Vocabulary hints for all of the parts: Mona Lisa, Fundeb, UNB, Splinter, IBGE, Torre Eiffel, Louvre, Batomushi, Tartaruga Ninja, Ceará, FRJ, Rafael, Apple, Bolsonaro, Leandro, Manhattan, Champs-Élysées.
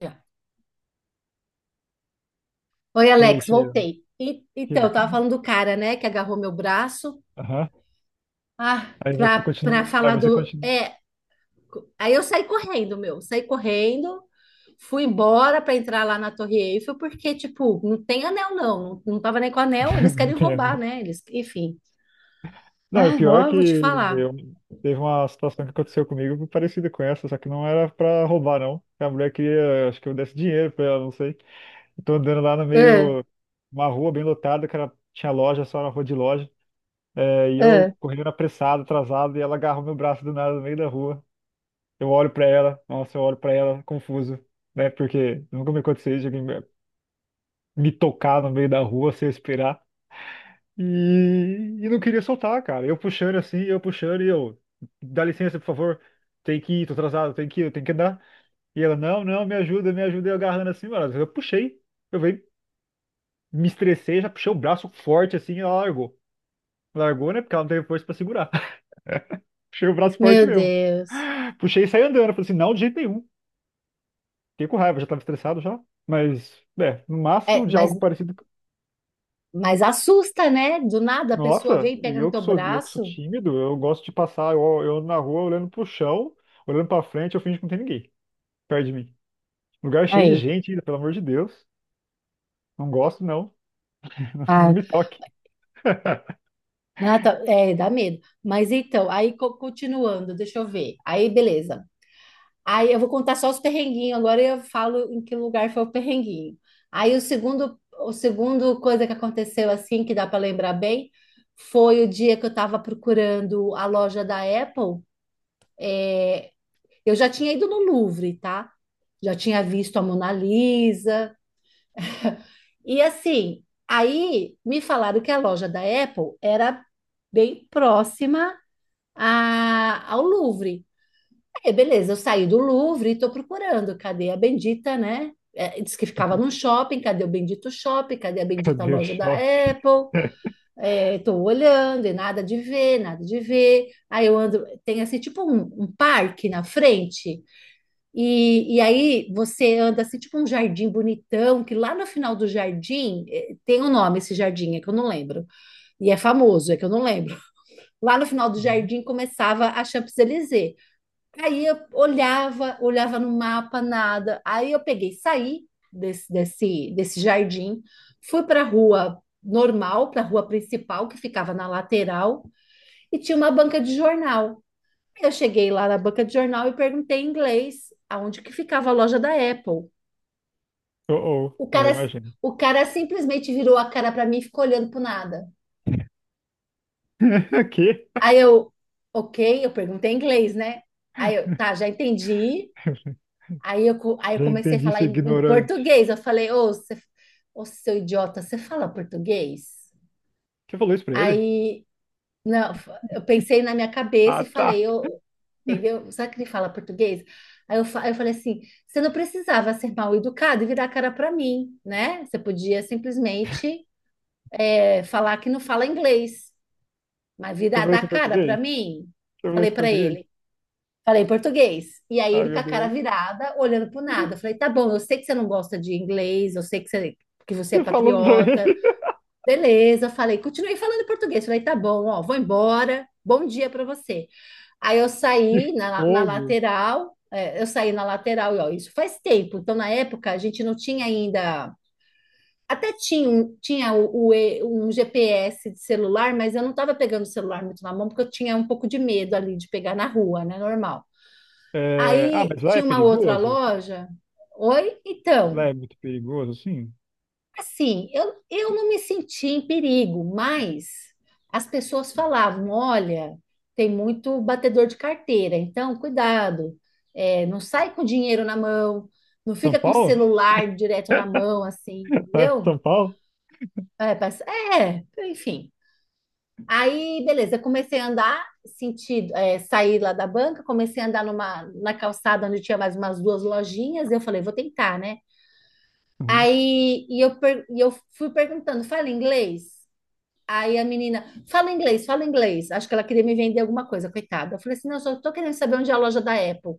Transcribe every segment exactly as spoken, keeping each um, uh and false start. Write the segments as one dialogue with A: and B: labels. A: Já. Oi,
B: E aí,
A: Alex,
B: cheiro.
A: voltei. E-
B: Que...
A: então, eu tava falando do cara, né, que agarrou meu braço.
B: Aham.
A: Ah,
B: Aí você
A: pra, pra
B: continua. Aí
A: falar
B: você
A: do.
B: continua.
A: É, co- aí eu saí correndo, meu. Saí correndo, fui embora pra entrar lá na Torre Eiffel, porque, tipo, não tem anel, não. Não, não tava nem com anel, eles
B: Não
A: querem
B: tem.
A: roubar, né? Eles, enfim.
B: Não, o
A: Ah,
B: pior é
A: ó,
B: que
A: vou te falar.
B: eu... teve uma situação que aconteceu comigo parecida com essa, só que não era pra roubar, não. A mulher queria, acho que eu desse dinheiro pra ela, não sei. Eu tô andando lá no
A: Ah,
B: meio, uma rua bem lotada, que era... tinha loja, só era rua de loja. É, e
A: ah,
B: eu correndo apressado, atrasado, e ela agarrou meu braço do nada no meio da rua. Eu olho pra ela, nossa, eu olho pra ela, confuso, né? Porque nunca me aconteceu isso, me tocar no meio da rua sem eu esperar. E, e não queria soltar, cara. Eu puxando assim, eu puxando e eu, dá licença, por favor. Tem que ir, tô atrasado, tem que ir, eu tenho que andar. E ela, não, não, me ajuda, me ajuda. E eu agarrando assim, mano. Eu puxei. Eu veio, me estressei, já puxei o braço forte assim e ela largou. Largou, né? Porque ela não teve força pra segurar. Puxei o braço forte
A: meu
B: mesmo.
A: Deus.
B: Puxei e saí andando. Eu falei assim, não, de jeito nenhum. Fiquei com raiva, já tava estressado já. Mas, é, no máximo
A: É,
B: de
A: mas,
B: algo parecido.
A: mas assusta, né? Do nada a pessoa
B: Nossa,
A: vem e
B: e
A: pega no
B: eu que
A: teu
B: sou, e eu que sou
A: braço.
B: tímido, eu gosto de passar, eu, eu ando na rua olhando pro chão, olhando pra frente, eu finjo que não tem ninguém perto de mim. Lugar cheio de
A: Aí.
B: gente ainda, pelo amor de Deus. Não gosto, não. Não me toque.
A: Ah, tá. É, dá medo. Mas então, aí co- continuando, deixa eu ver. Aí, beleza. Aí eu vou contar só os perrenguinhos, agora eu falo em que lugar foi o perrenguinho. Aí o segundo, o segundo coisa que aconteceu assim, que dá para lembrar bem, foi o dia que eu estava procurando a loja da Apple. Eu já tinha ido no Louvre, tá? Já tinha visto a Mona Lisa. E assim, aí me falaram que a loja da Apple era bem próxima a- ao Louvre. É, beleza, eu saí do Louvre e estou procurando. Cadê a bendita, né? É, diz que ficava num shopping, cadê o bendito shopping? Cadê a bendita
B: Cadê o
A: loja da
B: shopping?
A: Apple? Estou olhando e nada de ver, nada de ver. Aí eu ando, tem assim tipo um, um parque na frente, e, e aí você anda assim tipo um jardim bonitão, que lá no final do jardim eh, tem um nome esse jardim, é que eu não lembro. E é famoso, é que eu não lembro. Lá no final do
B: Uhum.
A: jardim começava a Champs-Élysées. Aí eu olhava, olhava no mapa, nada. Aí eu peguei, saí desse, desse, desse jardim, fui para a rua normal, para a rua principal, que ficava na lateral, e tinha uma banca de jornal. Aí eu cheguei lá na banca de jornal e perguntei em inglês aonde que ficava a loja da Apple.
B: Oh, oh,
A: O
B: já
A: cara, si,
B: imagino.
A: o cara simplesmente virou a cara para mim e ficou olhando pro nada.
B: Aqui?
A: Aí eu, ok, eu perguntei em inglês, né? Aí eu, tá, já entendi. Aí eu, co- aí eu
B: Já
A: comecei a
B: entendi,
A: falar
B: seu
A: em, em
B: ignorante.
A: português. Eu falei, ô, você- ô, seu idiota, você fala português?
B: Você falou isso pra ele?
A: Aí, não, eu pensei na minha cabeça
B: Ah,
A: e
B: tá.
A: falei, eu, entendeu? Será que ele fala português? Aí eu, fa- eu falei assim, você não precisava ser mal educado e virar a cara para mim, né? Você podia simplesmente é, falar que não fala inglês, mas
B: Você
A: virar
B: falou
A: da
B: isso em
A: cara para
B: português? Você
A: mim,
B: falou
A: falei
B: isso em
A: para
B: português?
A: ele. Falei português. E aí
B: Ah,
A: ele com
B: meu
A: a cara
B: Deus.
A: virada, olhando pro nada. Eu falei, tá bom, eu sei que você não gosta de inglês, eu sei que você, que você é
B: Você falou pra
A: patriota.
B: ele.
A: Beleza, falei, continuei falando português. Falei, tá bom, ó, vou embora. Bom dia pra você. Aí eu
B: Que
A: saí na, na
B: fogo.
A: lateral, é, eu saí na lateral, e ó, isso faz tempo. Então, na época, a gente não tinha ainda. Até tinha, um- tinha o, o E- um G P S de celular, mas eu não estava pegando o celular muito na mão, porque eu tinha um pouco de medo ali de pegar na rua, né? Normal.
B: É, ah,
A: Aí
B: mas lá é
A: tinha uma outra
B: perigoso?
A: loja. Oi,
B: Lá
A: então,
B: é muito perigoso, sim.
A: assim, eu, eu não me senti em perigo, mas as pessoas falavam: olha, tem muito batedor de carteira, então cuidado, é, não sai com dinheiro na mão, não
B: São
A: fica com o
B: Paulo?
A: celular direto na mão, assim,
B: É,
A: entendeu?
B: São Paulo?
A: É, mas- é, enfim. Aí, beleza, comecei a andar, sentido, é, saí lá da banca, comecei a andar numa, na calçada onde tinha mais umas duas lojinhas. Eu falei, vou tentar, né?
B: Uhum,
A: Aí e eu, per- e eu fui perguntando, fala inglês? Aí a menina, fala inglês, fala inglês. Acho que ela queria me vender alguma coisa, coitada. Eu falei assim, não, eu só tô querendo saber onde é a loja da Apple.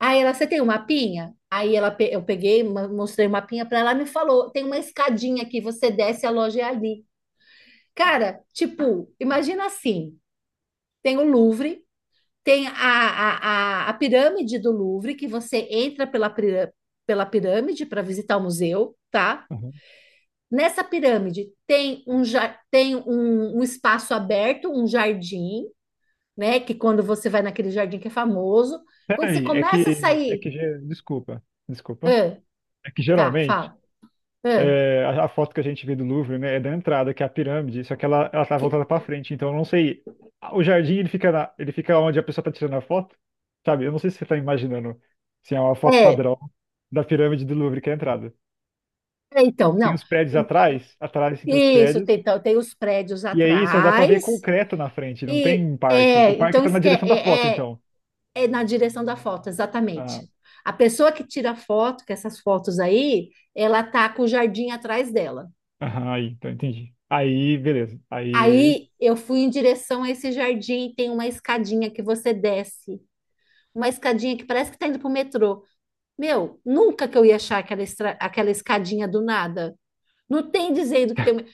A: Aí ela, você tem um mapinha? Aí ela, pe- eu peguei, ma- mostrei o mapinha para ela, ela me falou, tem uma escadinha aqui, você desce, a loja é ali. Cara, tipo, imagina assim, tem o Louvre, tem a, a, a, a pirâmide do Louvre, que você entra pela, pira- pela pirâmide para visitar o museu, tá?
B: uhum.
A: Nessa pirâmide tem um, ja- tem um, um espaço aberto, um jardim, né? Que quando você vai naquele jardim que é famoso, quando você
B: Peraí, é
A: começa a
B: que, é
A: sair,
B: que, ge- desculpa, desculpa.
A: ah,
B: É que
A: tá,
B: geralmente
A: fala, ah,
B: é, a, a foto que a gente vê do Louvre, né, é da entrada, que é a pirâmide, só que ela, ela tá voltada
A: que-
B: pra frente, então eu não sei. O jardim, ele fica, na, ele fica onde a pessoa tá tirando a foto, sabe? Eu não sei se você tá imaginando se é uma foto
A: é,
B: padrão da pirâmide do Louvre, que é a entrada.
A: é, então,
B: Tem
A: não,
B: os prédios atrás, atrás sim, tem os
A: isso, tem,
B: prédios,
A: então, tem os prédios
B: e aí só dá pra ver
A: atrás,
B: concreto na frente, não tem
A: e
B: um parque.
A: é,
B: O parque
A: então
B: tá na
A: esque, é,
B: direção da foto,
A: é, é
B: então.
A: é na direção da foto, exatamente.
B: Ah,
A: A pessoa que tira foto, que essas fotos aí, ela tá com o jardim atrás dela.
B: aham, aí, então entendi. Aí, beleza. Aí,
A: Aí eu fui em direção a esse jardim e tem uma escadinha que você desce, uma escadinha que parece que tá indo pro metrô. Meu, nunca que eu ia achar aquela, estra- aquela escadinha do nada. Não tem dizendo que tem. uma-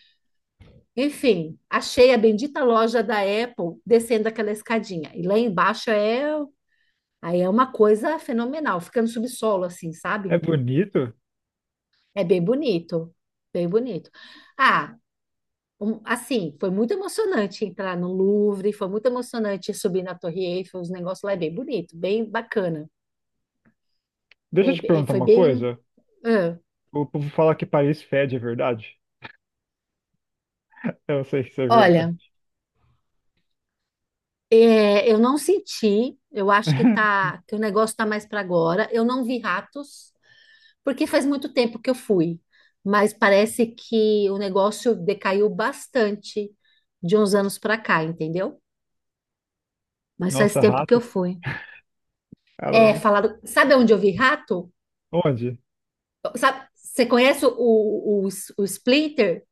A: Enfim, achei a bendita loja da Apple descendo aquela escadinha. E lá embaixo é. Aí é uma coisa fenomenal, fica no subsolo, assim,
B: é
A: sabe?
B: bonito.
A: É bem bonito, bem bonito. Ah, um- assim, foi muito emocionante entrar no Louvre, foi muito emocionante subir na Torre Eiffel, os negócios lá é bem bonito, bem bacana.
B: Deixa eu te
A: É- é-
B: perguntar
A: foi
B: uma
A: bem.
B: coisa.
A: ah.
B: O povo fala que Paris fede, é verdade? Eu sei que isso é verdade.
A: Olha, é, eu não senti, eu acho que tá, que o negócio tá mais para agora. Eu não vi ratos, porque faz muito tempo que eu fui, mas parece que o negócio decaiu bastante de uns anos para cá, entendeu? Mas faz
B: Nossa,
A: tempo que eu
B: rato,
A: fui. É,
B: caramba.
A: falaram, sabe onde eu vi rato?
B: Onde?
A: Sabe, você conhece o, o, o Splinter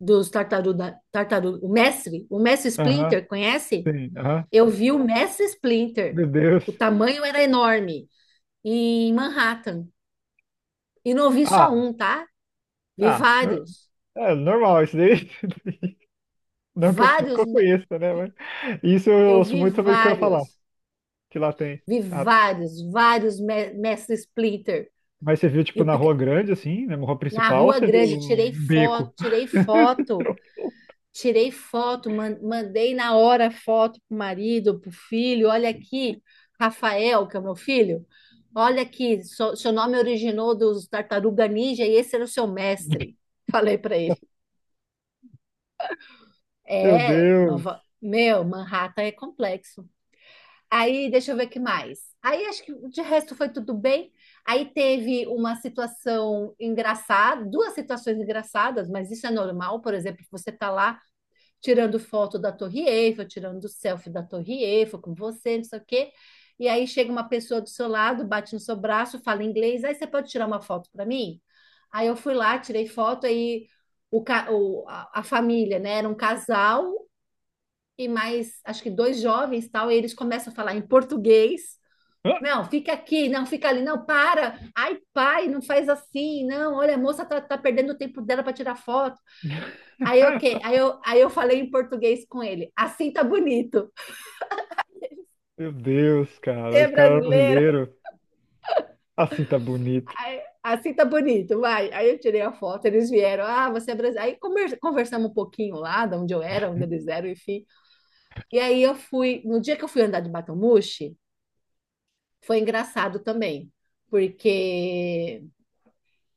A: dos Tartaruga, Tartaruga, o mestre? O mestre
B: Aham,
A: Splinter, conhece?
B: sim, aham.
A: Eu vi o mestre Splinter.
B: Meu
A: O
B: Deus.
A: tamanho era enorme, em Manhattan. E não vi
B: Ah,
A: só um, tá? Vi
B: ah, nor-
A: vários.
B: é normal isso daí. Nunca,
A: Vários.
B: nunca
A: me-
B: conheço, né? Mas isso eu
A: Eu
B: ouço
A: vi
B: muito americano falar,
A: vários.
B: que lá tem
A: Vi
B: rato.
A: vários, vários me- mestre Splinter.
B: Mas você viu, tipo,
A: Eu,
B: na
A: pique-
B: rua grande, assim, na rua
A: na
B: principal, ou
A: Rua
B: você viu
A: Grande,
B: um
A: tirei foto,
B: beco?
A: tirei foto. Tirei foto, mandei na hora foto pro marido, pro filho. Olha aqui, Rafael, que é o meu filho. Olha aqui, so- seu nome originou dos Tartaruga Ninja e esse era o seu mestre. Falei para ele.
B: Meu
A: É,
B: Deus.
A: Nova... meu, Manhattan é complexo. Aí, deixa eu ver o que mais. Aí, acho que de resto foi tudo bem. Aí teve uma situação engraçada, duas situações engraçadas, mas isso é normal, por exemplo, você tá lá tirando foto da Torre Eiffel, tirando selfie da Torre Eiffel com você, não sei o quê. E aí chega uma pessoa do seu lado, bate no seu braço, fala inglês, aí você pode tirar uma foto para mim? Aí eu fui lá, tirei foto, aí o, ca- o- a, a família, né, era um casal e mais, acho que dois jovens, tal, e eles começam a falar em português.
B: Hã?
A: Não, fica aqui, não, fica ali, não, para. Ai, pai, não faz assim, não. Olha, a moça tá, tá perdendo o tempo dela para tirar foto. Aí, ok, aí eu, aí eu falei em português com ele. Assim tá bonito.
B: Meu Deus,
A: Você
B: cara.
A: é
B: Os caras
A: brasileiro?
B: brasileiros. Assim tá bonito.
A: Aí, assim tá bonito, vai. Aí eu tirei a foto, eles vieram. Ah, você é brasileiro. Aí conver- conversamos um pouquinho lá, de onde eu era, onde eles eram, enfim. E aí eu fui. No dia que eu fui andar de Batomushi, foi engraçado também, porque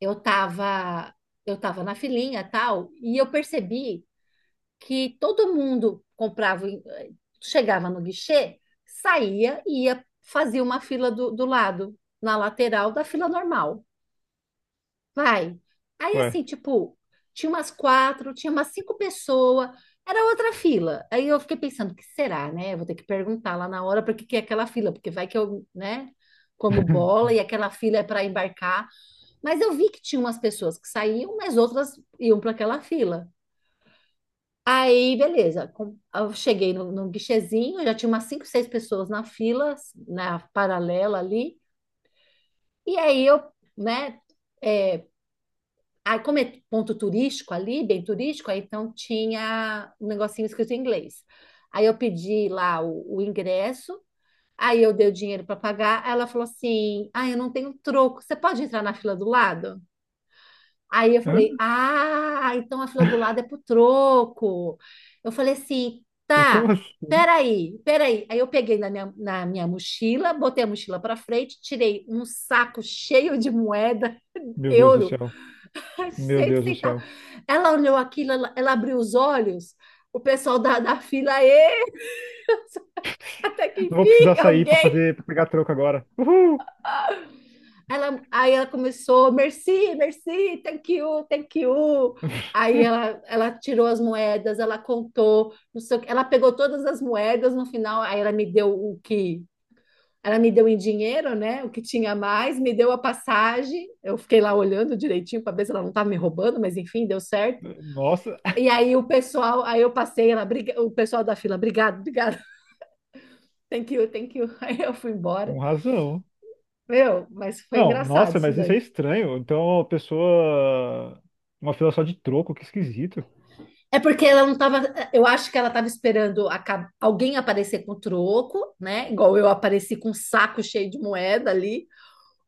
A: eu tava, eu tava na filinha e tal, e eu percebi que todo mundo comprava, eh, chegava no guichê, saía e ia fazia uma fila do, do lado, na lateral da fila normal. Vai. Aí
B: Ué.
A: assim, tipo, tinha umas quatro, tinha umas cinco pessoas, era outra fila. Aí eu fiquei pensando, o que será, né? Eu vou ter que perguntar lá na hora para que que é aquela fila, porque vai que eu, né? Como bola, e aquela fila é para embarcar. Mas eu vi que tinha umas pessoas que saíam, mas outras iam para aquela fila. Aí, beleza. Com- Eu cheguei no, no guichezinho, já tinha umas cinco, seis pessoas na fila, na paralela ali. E aí eu, né? é, aí como é ponto turístico ali, bem turístico, aí então tinha um negocinho escrito em inglês. Aí eu pedi lá o, o ingresso, aí eu dei o dinheiro para pagar. Aí ela falou assim: ah, eu não tenho troco. Você pode entrar na fila do lado? Aí eu
B: Hã?
A: falei, ah, então a fila do lado é pro troco. Eu falei assim,
B: Como
A: tá,
B: assim?
A: peraí, peraí. Aí eu peguei na minha, na minha mochila, botei a mochila para frente, tirei um saco cheio de moeda,
B: Meu Deus do
A: euro,
B: céu. Meu
A: cheio de
B: Deus do
A: centavo.
B: céu.
A: Ela olhou aquilo, ela, ela abriu os olhos, o pessoal da, da fila, "Ê, até que
B: Não vou precisar
A: enfim,
B: sair pra
A: alguém."
B: fazer, pra pegar troco agora. Uhul!
A: Ela, aí ela começou, merci, merci, thank you, thank you. Aí ela, ela tirou as moedas, ela contou, não sei, o quê. Ela pegou todas as moedas no final, aí ela me deu o que ela me deu em dinheiro, né? O que tinha mais, me deu a passagem. Eu fiquei lá olhando direitinho para ver se ela não estava me roubando, mas enfim, deu certo.
B: Nossa,
A: E aí o pessoal, aí eu passei, ela, o pessoal da fila, obrigado, obrigado, thank you, thank you. Aí eu fui embora.
B: com razão.
A: Meu, mas foi
B: Não,
A: engraçado
B: nossa,
A: isso
B: mas isso é
A: daí.
B: estranho. Então, a pessoa. Uma fila só de troco, que esquisito.
A: É porque ela não tava. Eu acho que ela tava esperando aca- alguém aparecer com troco, né? Igual eu apareci com um saco cheio de moeda ali.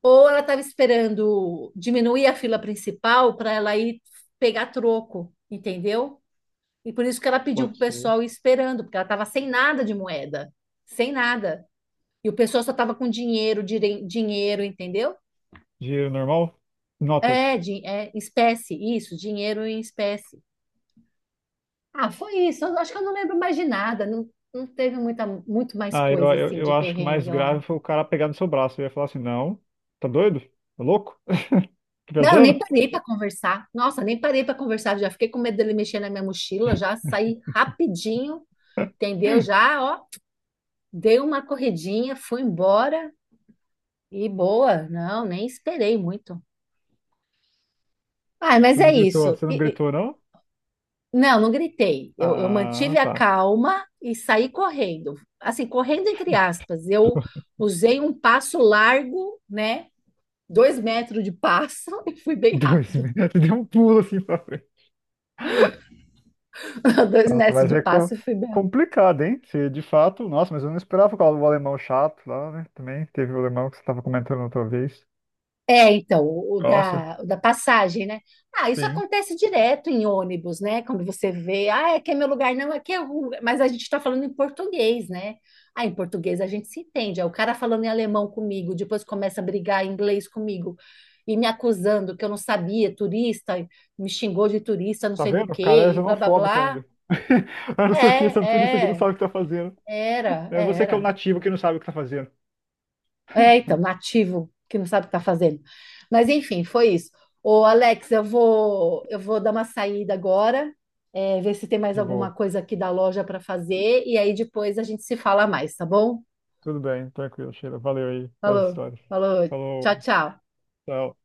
A: Ou ela tava esperando diminuir a fila principal para ela ir pegar troco, entendeu? E por isso que ela pediu
B: Pode
A: pro
B: ser.
A: pessoal ir esperando, porque ela tava sem nada de moeda, sem nada. E o pessoal só tava com dinheiro, dire- dinheiro, entendeu?
B: Dinheiro normal?
A: É,
B: Notas.
A: di- é espécie, isso, dinheiro em espécie. Ah, foi isso. Eu acho que eu não lembro mais de nada. Não, não teve muita, muito mais
B: Ah, eu,
A: coisa
B: eu,
A: assim
B: eu
A: de
B: acho que o mais
A: perrengue lá.
B: grave foi o cara pegar no seu braço. Eu ia falar assim: não, tá doido? Tá louco? Tá
A: Não, nem
B: viajando?
A: parei para conversar. Nossa, nem parei para conversar. Já fiquei com medo dele mexer na minha mochila. Já saí rapidinho, entendeu? Já, ó, dei uma corridinha, fui embora e boa. Não, nem esperei muito. Ah, mas
B: Você
A: é
B: não gritou,
A: isso.
B: você não
A: E- e-
B: gritou, não?
A: não, não gritei. Eu, eu
B: Ah,
A: mantive a
B: tá.
A: calma e saí correndo. Assim, correndo entre aspas. Eu usei um passo largo, né? Dois metros de passo e fui bem
B: Dois,
A: rápido.
B: você deu um pulo assim pra.
A: Dois
B: Nossa,
A: metros
B: mas
A: de
B: é co-
A: passo e fui bem rápido.
B: complicado, hein? Se de fato, nossa, mas eu não esperava por causa do alemão chato lá, né? Também teve o alemão que você estava comentando outra vez.
A: É, então, o o
B: Nossa,
A: da, o da passagem, né? Ah, isso
B: sim.
A: acontece direto em ônibus, né? Quando você vê, ah, aqui é meu lugar, não, aqui é rua. Mas a gente está falando em português, né? Ah, em português a gente se entende. Aí o cara falando em alemão comigo, depois começa a brigar em inglês comigo e me acusando que eu não sabia, turista, me xingou de turista, não
B: Tá
A: sei do
B: vendo? O cara é
A: quê, e blá blá
B: xenofóbico
A: blá.
B: ainda. Ah, não sei o que, esse é um turista que não
A: É, é,
B: sabe o que tá fazendo.
A: era,
B: É você que é o
A: era.
B: nativo que não sabe o que tá fazendo.
A: É, então, nativo, que não sabe o que está fazendo. Mas, enfim, foi isso. Ô, Alex, eu vou, eu vou dar uma saída agora, é, ver se tem mais
B: De
A: alguma
B: boa.
A: coisa aqui da loja para fazer, e aí depois a gente se fala mais, tá bom?
B: Tudo bem, tranquilo, Sheila. Valeu aí pelas
A: Falou,
B: histórias.
A: falou,
B: Falou,
A: tchau, tchau.
B: tchau.